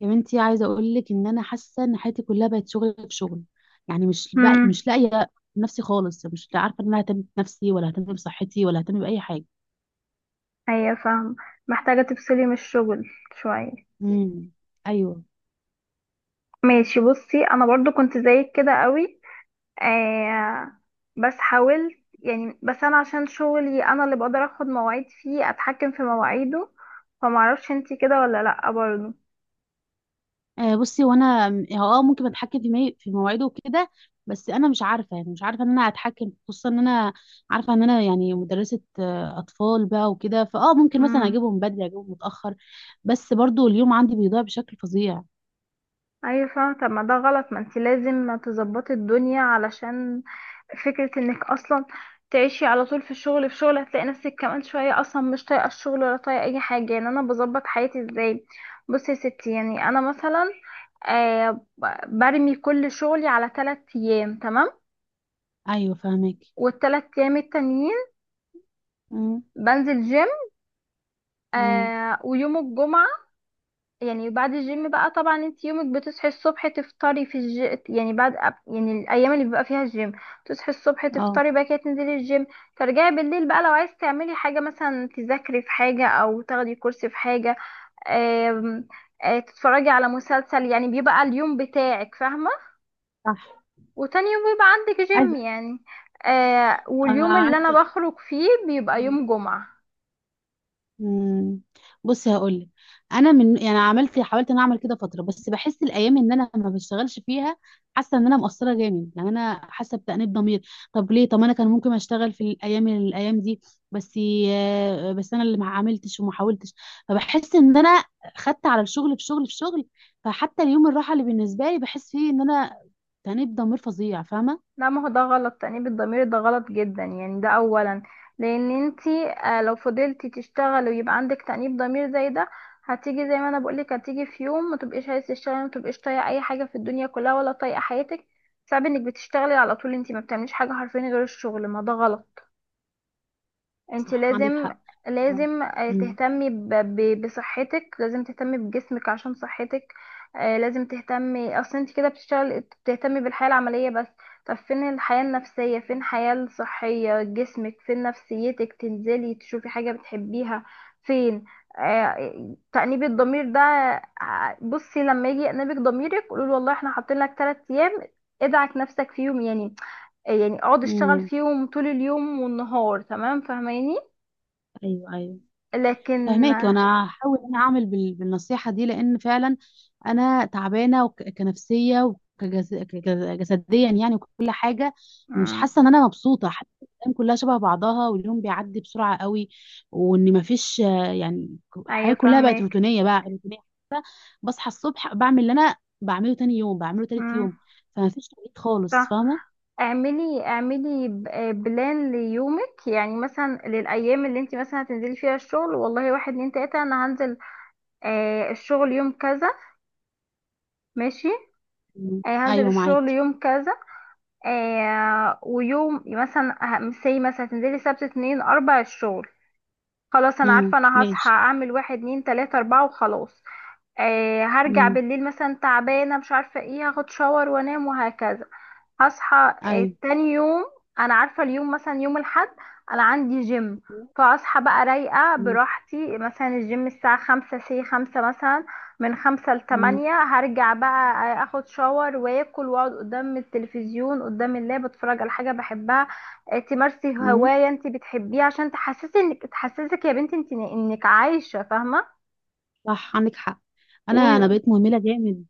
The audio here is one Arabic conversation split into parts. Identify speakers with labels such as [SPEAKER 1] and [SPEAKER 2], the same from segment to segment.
[SPEAKER 1] يا بنتي، عايزه اقول لك ان انا حاسه ان حياتي كلها بقت شغل في شغل. يعني
[SPEAKER 2] امم.
[SPEAKER 1] مش لاقيه نفسي خالص، مش عارفه ان انا اهتم بنفسي ولا اهتم بصحتي ولا اهتم باي حاجه.
[SPEAKER 2] ايوه، فاهمة. محتاجة تفصلي من الشغل شوية.
[SPEAKER 1] امم. ايوه.
[SPEAKER 2] ماشي، بصي، انا برضو كنت زيك كده قوي. آه، بس حاولت يعني، بس انا عشان شغلي انا اللي بقدر اخد مواعيد، فيه اتحكم في مواعيده، فمعرفش انتي كده ولا لأ برضو.
[SPEAKER 1] آه. بصي، وانا اه ممكن اتحكم في مواعيده وكده. بس انا مش عارفه ان انا اتحكم، خصوصا ان انا عارفه ان انا يعني مدرسه اطفال بقى وكده، فاه ممكن مثلا
[SPEAKER 2] امم.
[SPEAKER 1] اجيبهم بدري اجيبهم متاخر، بس برضو اليوم عندي بيضيع بشكل فظيع.
[SPEAKER 2] ايوه، فاهمة. طب ما ده غلط، ما انت لازم تظبطي الدنيا علشان فكرة انك اصلا تعيشي على طول في الشغل، في شغل هتلاقي نفسك كمان شوية اصلا مش طايقة الشغل ولا طايقة اي حاجة، يعني انا بظبط حياتي ازاي؟ بصي يا ستي، يعني انا مثلا آه برمي كل شغلي على 3 ايام، تمام.
[SPEAKER 1] ايوه فاهمك.
[SPEAKER 2] والتلات ايام التانيين
[SPEAKER 1] امم.
[SPEAKER 2] بنزل جيم،
[SPEAKER 1] امم.
[SPEAKER 2] ويوم الجمعة. يعني بعد الجيم بقى، طبعا انت يومك بتصحي الصبح تفطري في الج... يعني بعد يعني الايام اللي بيبقى فيها الجيم تصحي الصبح،
[SPEAKER 1] اه.
[SPEAKER 2] تفطري بقى كده، تنزلي الجيم، ترجعي بالليل بقى، لو عايز تعملي حاجة مثلا تذاكري في حاجة او تاخدي كورس في حاجة، آم... آه، تتفرجي على مسلسل، يعني بيبقى اليوم بتاعك، فاهمة.
[SPEAKER 1] صح.
[SPEAKER 2] وتاني يوم بيبقى عندك جيم، يعني
[SPEAKER 1] انا
[SPEAKER 2] واليوم اللي انا
[SPEAKER 1] عايزه.
[SPEAKER 2] بخرج فيه بيبقى يوم جمعة.
[SPEAKER 1] مم. بصي هقول لك، انا من يعني عملت حاولت ان اعمل كده فتره، بس بحس الايام ان انا ما بشتغلش فيها، حاسه ان انا مقصره جامد، يعني انا حاسه بتأنيب ضمير. طب ليه؟ طب انا كان ممكن اشتغل في الايام دي، بس بس انا اللي ما عملتش وما حاولتش. فبحس ان انا خدت على الشغل في شغل في شغل، فحتى اليوم الراحه اللي بالنسبه لي بحس فيه ان انا تأنيب ضمير فظيع، فاهمه.
[SPEAKER 2] لا، ما هو ده غلط، تأنيب الضمير ده غلط جدا، يعني ده اولا لان انتي، لو فضلتي تشتغلي ويبقى عندك تأنيب ضمير زي ده، هتيجي زي ما انا بقولك، هتيجي في يوم ما تبقيش عايزه تشتغلي، ما تبقيش طايقه اي حاجه في الدنيا كلها ولا طايقه حياتك. صعب انك بتشتغلي على طول، انتي ما بتعمليش حاجه حرفيا غير الشغل، ما ده غلط. انت
[SPEAKER 1] صح عندك
[SPEAKER 2] لازم،
[SPEAKER 1] حق. و-
[SPEAKER 2] لازم
[SPEAKER 1] مم.
[SPEAKER 2] تهتمي بصحتك، لازم تهتمي بجسمك عشان صحتك. لازم تهتمي، اصل انت كده بتشتغل بتهتمي بالحياة العملية بس، طب فين الحياة النفسية؟ فين الحياة الصحية؟ جسمك، فين نفسيتك تنزلي تشوفي حاجة بتحبيها؟ فين تأنيب الضمير ده؟ بصي، لما يجي يأنبك ضميرك قولوا والله احنا حاطين لك 3 ايام ادعك نفسك فيهم، يعني يعني اقعد اشتغل
[SPEAKER 1] مم.
[SPEAKER 2] فيهم طول اليوم والنهار، تمام، فاهماني؟
[SPEAKER 1] ايوه ايوه.
[SPEAKER 2] لكن.
[SPEAKER 1] فهماك، وانا هحاول ان انا اعمل بالنصيحه دي، لان فعلا انا تعبانه كنفسيه وكجسديا يعني وكل حاجه. مش
[SPEAKER 2] مم.
[SPEAKER 1] حاسه ان انا مبسوطه، حاسه إن الايام كلها شبه بعضها واليوم بيعدي بسرعه قوي، وان مفيش يعني الحياه
[SPEAKER 2] ايوه،
[SPEAKER 1] كلها بقت
[SPEAKER 2] فاهمك.
[SPEAKER 1] روتينيه، بقى روتينيه حتى بصحى الصبح بعمل اللي انا بعمله تاني يوم بعمله تالت
[SPEAKER 2] مم.
[SPEAKER 1] يوم، فمفيش تغيير خالص،
[SPEAKER 2] صح.
[SPEAKER 1] فاهمه.
[SPEAKER 2] اعملي بلان ليومك، يعني مثلا للايام اللي انت مثلا هتنزلي فيها الشغل، والله واحد اتنين تلاته، انا هنزل الشغل يوم كذا، ماشي.
[SPEAKER 1] مم.
[SPEAKER 2] هنزل
[SPEAKER 1] ايوه
[SPEAKER 2] الشغل
[SPEAKER 1] معاكي.
[SPEAKER 2] يوم كذا. ويوم مثلا سي مثلا تنزلي سبت، اتنين، اربع الشغل. خلاص، انا
[SPEAKER 1] مم.
[SPEAKER 2] عارفه انا هصحى
[SPEAKER 1] ماشي.
[SPEAKER 2] اعمل واحد اتنين تلاته اربعه وخلاص. هرجع
[SPEAKER 1] مم.
[SPEAKER 2] بالليل مثلا تعبانه مش عارفه ايه، هاخد شاور وانام وهكذا. هصحى
[SPEAKER 1] ايوه.
[SPEAKER 2] تاني يوم، انا عارفه اليوم مثلا يوم الاحد انا عندي جيم، فاصحى بقى رايقه
[SPEAKER 1] مم.
[SPEAKER 2] براحتي، مثلا الجيم الساعه خمسة مثلا، من خمسة لتمانية هرجع بقى، اخد شاور واكل واقعد قدام التلفزيون، قدام اللاب، اتفرج على حاجه بحبها. تمارسي
[SPEAKER 1] مم.
[SPEAKER 2] هوايه انت بتحبيها عشان تحسسي انك، تحسسك يا بنتي انت انك عايشه، فاهمه.
[SPEAKER 1] صح عندك حق. انا
[SPEAKER 2] و-
[SPEAKER 1] بقيت مهمله جامد.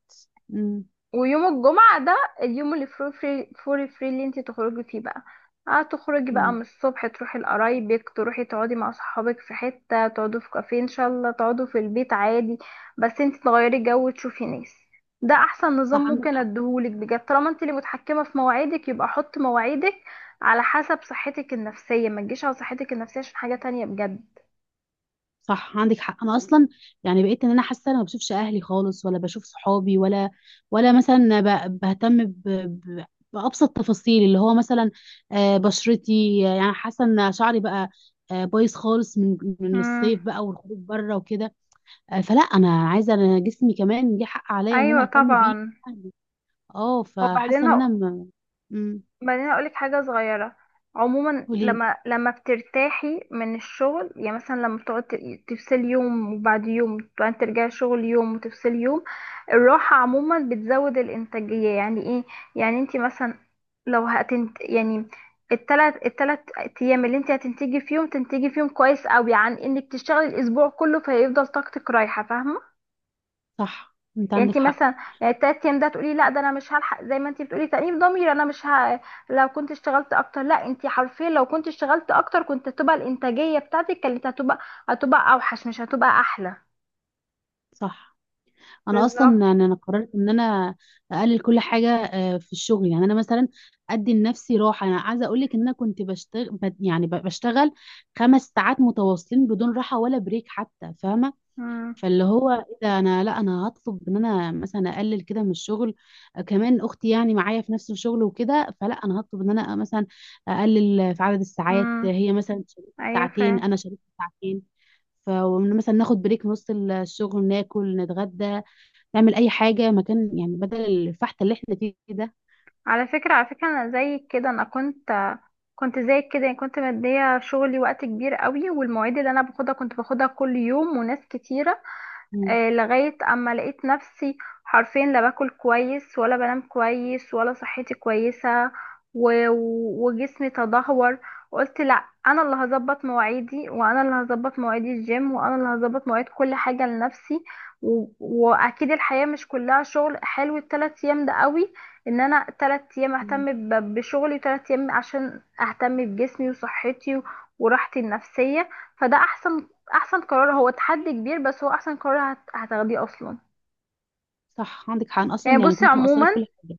[SPEAKER 1] امم.
[SPEAKER 2] ويوم الجمعة ده، اليوم اللي فري اللي انت تخرجي فيه بقى، هتخرجي بقى من
[SPEAKER 1] امم.
[SPEAKER 2] الصبح تروحي لقرايبك، تروحي تقعدي مع صحابك في حتة، تقعدوا في كافيه ان شاء الله، تقعدوا في البيت عادي، بس انت تغيري جو، تشوفي ناس. ده احسن نظام
[SPEAKER 1] صح عندك
[SPEAKER 2] ممكن
[SPEAKER 1] حق.
[SPEAKER 2] اديهولك بجد، طالما انت اللي متحكمة في مواعيدك يبقى حط مواعيدك على حسب صحتك النفسية، ما تجيش على صحتك النفسية عشان حاجة تانية بجد.
[SPEAKER 1] صح عندك حق، انا اصلا يعني بقيت ان انا حاسه انا ما بشوفش اهلي خالص ولا بشوف صحابي ولا مثلا بهتم بابسط تفاصيل، اللي هو مثلا بشرتي. يعني حاسه ان شعري بقى بايظ خالص من الصيف
[SPEAKER 2] امم.
[SPEAKER 1] بقى والخروج بره وكده. فلا انا عايزه، انا جسمي كمان ليه حق عليا ان انا
[SPEAKER 2] ايوه،
[SPEAKER 1] اهتم بيه.
[SPEAKER 2] طبعا.
[SPEAKER 1] أهلي. اه
[SPEAKER 2] وبعدين،
[SPEAKER 1] فحاسه ان انا م... امم.
[SPEAKER 2] اقول لك حاجه صغيره. عموما لما بترتاحي من الشغل، يعني مثلا لما بتقعد تفصلي يوم وبعد يوم، بعدين ترجعي شغل يوم وتفصلي يوم، الراحه عموما بتزود الانتاجيه. يعني ايه؟ يعني انت مثلا، لو هتنت يعني، التلات ايام اللي انت هتنتجي فيهم تنتجي فيهم كويس قوي عن انك تشتغلي الاسبوع كله فيفضل طاقتك رايحه، فاهمه.
[SPEAKER 1] صح انت
[SPEAKER 2] يعني
[SPEAKER 1] عندك
[SPEAKER 2] انت
[SPEAKER 1] حق.
[SPEAKER 2] مثلا، يعني التلات ايام ده تقولي، لا ده انا مش هلحق زي ما انت بتقولي تأنيب ضمير، انا مش لو كنت اشتغلت اكتر، لا، انت حرفيا لو كنت اشتغلت اكتر كنت هتبقى الانتاجية بتاعتك كانت هتبقى اوحش، مش هتبقى احلى.
[SPEAKER 1] صح، انا
[SPEAKER 2] بالظبط.
[SPEAKER 1] اصلا يعني انا قررت ان انا اقلل كل حاجه في الشغل، يعني انا مثلا ادي لنفسي راحه. انا عايزه اقول لك ان انا كنت بشتغل يعني بشتغل 5 ساعات متواصلين بدون راحه ولا بريك حتى، فاهمه.
[SPEAKER 2] امم،
[SPEAKER 1] فاللي هو ايه ده، انا لا انا هطلب ان انا مثلا اقلل كده من الشغل. كمان اختي يعني معايا في نفس الشغل وكده، فلا انا هطلب ان انا مثلا اقلل في عدد الساعات،
[SPEAKER 2] امم.
[SPEAKER 1] هي مثلا شاركت
[SPEAKER 2] ايوه،
[SPEAKER 1] ساعتين
[SPEAKER 2] فاهم.
[SPEAKER 1] انا شاركت ساعتين، فمثلا ناخد بريك في نص الشغل، ناكل، نتغدى، نعمل اي حاجه مكان، يعني بدل الفحت اللي احنا فيه ده.
[SPEAKER 2] على فكرة، انا زيك كده، انا كنت زيك كده، يعني كنت مدية شغلي وقت كبير قوي، والمواعيد اللي انا باخدها كنت باخدها كل يوم وناس كتيرة،
[SPEAKER 1] مم.
[SPEAKER 2] لغاية اما لقيت نفسي حرفيا لا باكل كويس ولا بنام كويس ولا صحتي كويسة وجسمي تدهور. قلت لا، انا اللي هظبط مواعيدي وانا اللي هظبط مواعيد الجيم وانا اللي هظبط مواعيد كل حاجة لنفسي، واكيد الحياة مش كلها شغل، حلو التلات ايام ده قوي، ان انا 3 ايام
[SPEAKER 1] مم.
[SPEAKER 2] اهتم بشغلي، وتلات ايام عشان اهتم بجسمي وصحتي، وراحتي النفسية، فده احسن قرار. هو تحدي كبير بس هو احسن قرار هتاخديه اصلا.
[SPEAKER 1] صح عندك حق. أنا اصلا
[SPEAKER 2] يعني
[SPEAKER 1] يعني
[SPEAKER 2] بصي
[SPEAKER 1] كنت مقصره
[SPEAKER 2] عموما،
[SPEAKER 1] في كل حاجه.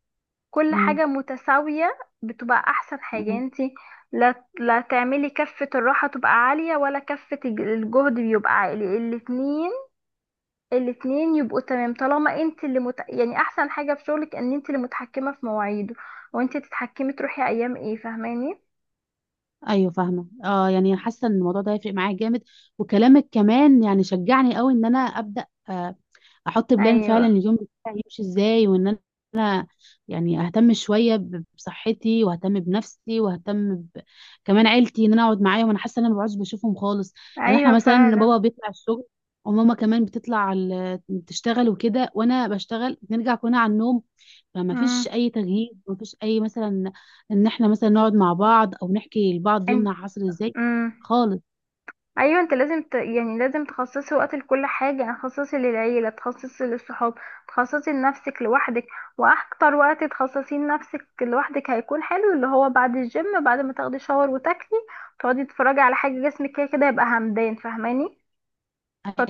[SPEAKER 2] كل
[SPEAKER 1] مم.
[SPEAKER 2] حاجة متساوية بتبقى احسن حاجة، يعني
[SPEAKER 1] مم.
[SPEAKER 2] انتي، لا لا تعملي كفة الراحة تبقى عالية ولا كفة الجهد بيبقى عالي، الاتنين يبقوا تمام، طالما انت اللي يعني احسن حاجة في شغلك ان انت اللي متحكمة في مواعيده، وانت تتحكمي تروحي ايام ايه، فاهماني؟
[SPEAKER 1] ايوه فاهمه، اه يعني حاسه ان الموضوع ده هيفرق معايا جامد، وكلامك كمان يعني شجعني قوي ان انا ابدا احط بلان فعلا
[SPEAKER 2] ايوه،
[SPEAKER 1] اليوم بتاعي يمشي ازاي، وان انا أنا يعني اهتم شويه بصحتي واهتم بنفسي واهتم ب... كمان عيلتي، ان انا اقعد معاهم، انا حاسه ان انا ما بقعدش بشوفهم خالص. لان
[SPEAKER 2] ايوه،
[SPEAKER 1] احنا مثلا
[SPEAKER 2] فعلا.
[SPEAKER 1] بابا بيطلع الشغل وماما كمان بتطلع تشتغل وكده، وانا بشتغل، بنرجع كلنا على النوم، فما
[SPEAKER 2] امم.
[SPEAKER 1] فيش اي تغيير، ما فيش اي مثلا ان احنا مثلا نقعد مع بعض او نحكي لبعض
[SPEAKER 2] أن-
[SPEAKER 1] يومنا حصل ازاي
[SPEAKER 2] امم.
[SPEAKER 1] خالص.
[SPEAKER 2] ايوه، انت لازم يعني لازم تخصصي وقت لكل حاجه، يعني تخصصي للعيله، تخصصي للصحاب، تخصصي لنفسك لوحدك، واكتر وقت تخصصيه لنفسك لوحدك هيكون حلو، اللي هو بعد الجيم بعد ما تاخدي شاور وتاكلي، تقعدي تتفرجي على حاجه، جسمك كده كده يبقى همدان، فاهماني؟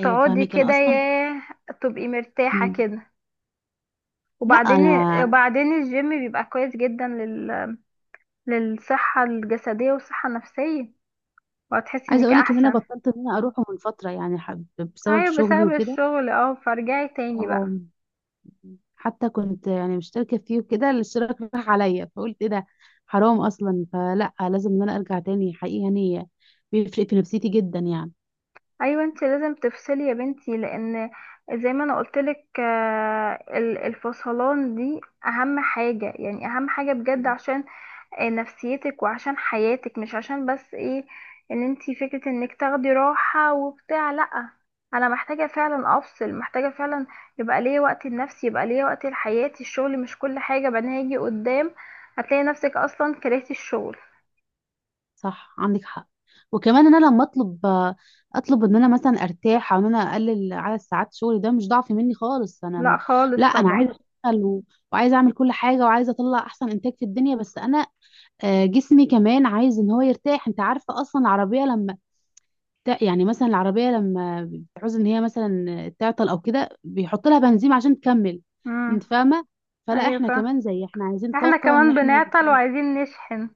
[SPEAKER 1] ايوه فاهمك. انا
[SPEAKER 2] كده
[SPEAKER 1] اصلا.
[SPEAKER 2] ياه، تبقي مرتاحه
[SPEAKER 1] مم.
[SPEAKER 2] كده.
[SPEAKER 1] لا،
[SPEAKER 2] وبعدين،
[SPEAKER 1] انا
[SPEAKER 2] الجيم بيبقى كويس جدا للصحه الجسديه والصحه النفسيه، وهتحسي
[SPEAKER 1] عايزه
[SPEAKER 2] انك
[SPEAKER 1] اقول لك ان انا
[SPEAKER 2] احسن.
[SPEAKER 1] بطلت ان انا اروحه من فتره يعني بسبب
[SPEAKER 2] ايوه،
[SPEAKER 1] شغلي
[SPEAKER 2] بسبب
[SPEAKER 1] وكده.
[SPEAKER 2] الشغل، اه، فارجعي تاني بقى.
[SPEAKER 1] آم، حتى كنت يعني مشتركه فيه وكده، الاشتراك راح عليا، فقلت ايه ده، حرام اصلا، فلا لازم ان انا ارجع تاني حقيقي يعني، بيفرق في نفسيتي جدا يعني.
[SPEAKER 2] ايوه، انت لازم تفصلي يا بنتي، لان زي ما انا قلتلك الفصلان دي اهم حاجة، يعني اهم حاجة بجد، عشان نفسيتك وعشان حياتك، مش عشان بس ايه، ان انت فكرة انك تاخدي راحة وبتاع، لا، انا محتاجة فعلا افصل، محتاجة فعلا يبقى ليا وقت لنفسي، يبقى ليا وقت لحياتي. الشغل مش كل حاجة، بعدين هيجي قدام هتلاقي نفسك اصلا كرهتي الشغل.
[SPEAKER 1] صح عندك حق. وكمان ان انا لما اطلب، اطلب ان انا مثلا ارتاح او ان انا اقلل عدد ساعات شغلي، ده مش ضعف مني خالص. انا
[SPEAKER 2] لا، خالص
[SPEAKER 1] لا انا
[SPEAKER 2] طبعا.
[SPEAKER 1] عايزه اشتغل و... وعايزه اعمل كل حاجه وعايزه اطلع احسن انتاج في الدنيا، بس انا جسمي كمان عايز ان هو يرتاح. انت عارفه اصلا العربيه لما يعني مثلا العربيه لما بتعوز ان هي مثلا تعطل او كده، بيحط لها بنزين عشان تكمل، انت
[SPEAKER 2] امم.
[SPEAKER 1] فاهمه. فلا احنا
[SPEAKER 2] ايوه،
[SPEAKER 1] كمان زي، احنا عايزين
[SPEAKER 2] احنا
[SPEAKER 1] طاقه ان
[SPEAKER 2] كمان
[SPEAKER 1] احنا
[SPEAKER 2] بنعطل وعايزين نشحن.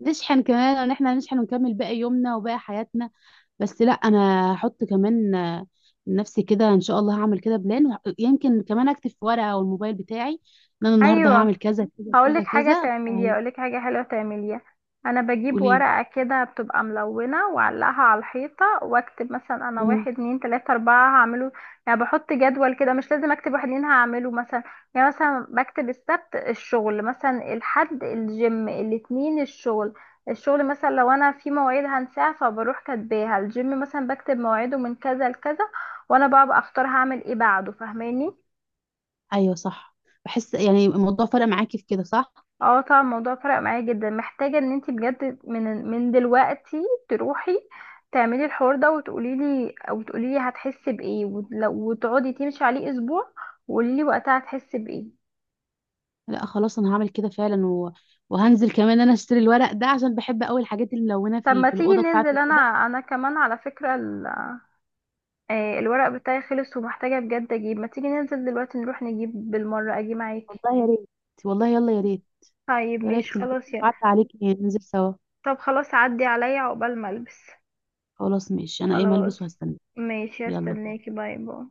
[SPEAKER 1] نشحن، كمان ان احنا نشحن ونكمل باقي يومنا وباقي حياتنا. بس لا انا هحط كمان لنفسي كده ان شاء الله هعمل كده بلان، يمكن كمان اكتب في ورقه او الموبايل بتاعي ان انا النهارده
[SPEAKER 2] ايوه،
[SPEAKER 1] هعمل كذا كذا كذا كذا.
[SPEAKER 2] هقولك حاجه حلوه تعمليها. انا بجيب
[SPEAKER 1] قولي
[SPEAKER 2] ورقه كده بتبقى ملونه، واعلقها على الحيطه، واكتب مثلا انا
[SPEAKER 1] لي.
[SPEAKER 2] واحد اتنين تلاته اربعه هعمله، يعني بحط جدول كده، مش لازم اكتب واحد اتنين هعمله مثلا. يعني مثلا بكتب السبت الشغل، مثلا الحد الجيم، الاتنين الشغل مثلا لو انا في مواعيد هنساها فبروح كاتباها، الجيم مثلا بكتب مواعيده من كذا لكذا، وانا بقى بختار هعمل ايه بعده، فاهماني؟
[SPEAKER 1] ايوه صح. بحس يعني الموضوع فرق معاكي في كده صح؟
[SPEAKER 2] اه، طبعا الموضوع فرق معايا جدا، محتاجة ان انتي بجد من دلوقتي تروحي تعملي الحوار ده وتقولي لي او تقولي لي هتحسي بايه، وتقعدي تمشي عليه اسبوع وقولي لي وقتها هتحسي بايه.
[SPEAKER 1] لا خلاص انا هعمل كده فعلا و... وهنزل كمان انا اشتري الورق ده عشان بحب قوي الحاجات الملونه
[SPEAKER 2] طب
[SPEAKER 1] في
[SPEAKER 2] ما
[SPEAKER 1] في
[SPEAKER 2] تيجي
[SPEAKER 1] الاوضه
[SPEAKER 2] ننزل،
[SPEAKER 1] بتاعتي كده.
[SPEAKER 2] انا كمان على فكرة الورق بتاعي خلص ومحتاجة بجد اجيب، ما تيجي ننزل دلوقتي نروح نجيب بالمرة، اجي معاكي.
[SPEAKER 1] والله يا ريت. والله يلا يا ريت.
[SPEAKER 2] طيب
[SPEAKER 1] ايه رايك
[SPEAKER 2] ماشي
[SPEAKER 1] تيجي؟
[SPEAKER 2] خلاص، يلا.
[SPEAKER 1] بعد عليك ننزل سوا.
[SPEAKER 2] طب خلاص عدي عليا عقبال ما البس.
[SPEAKER 1] خلاص ماشي انا ايه ملبس
[SPEAKER 2] خلاص،
[SPEAKER 1] وهستنى.
[SPEAKER 2] ماشي،
[SPEAKER 1] يلا باي.
[SPEAKER 2] استناكي، باي باي.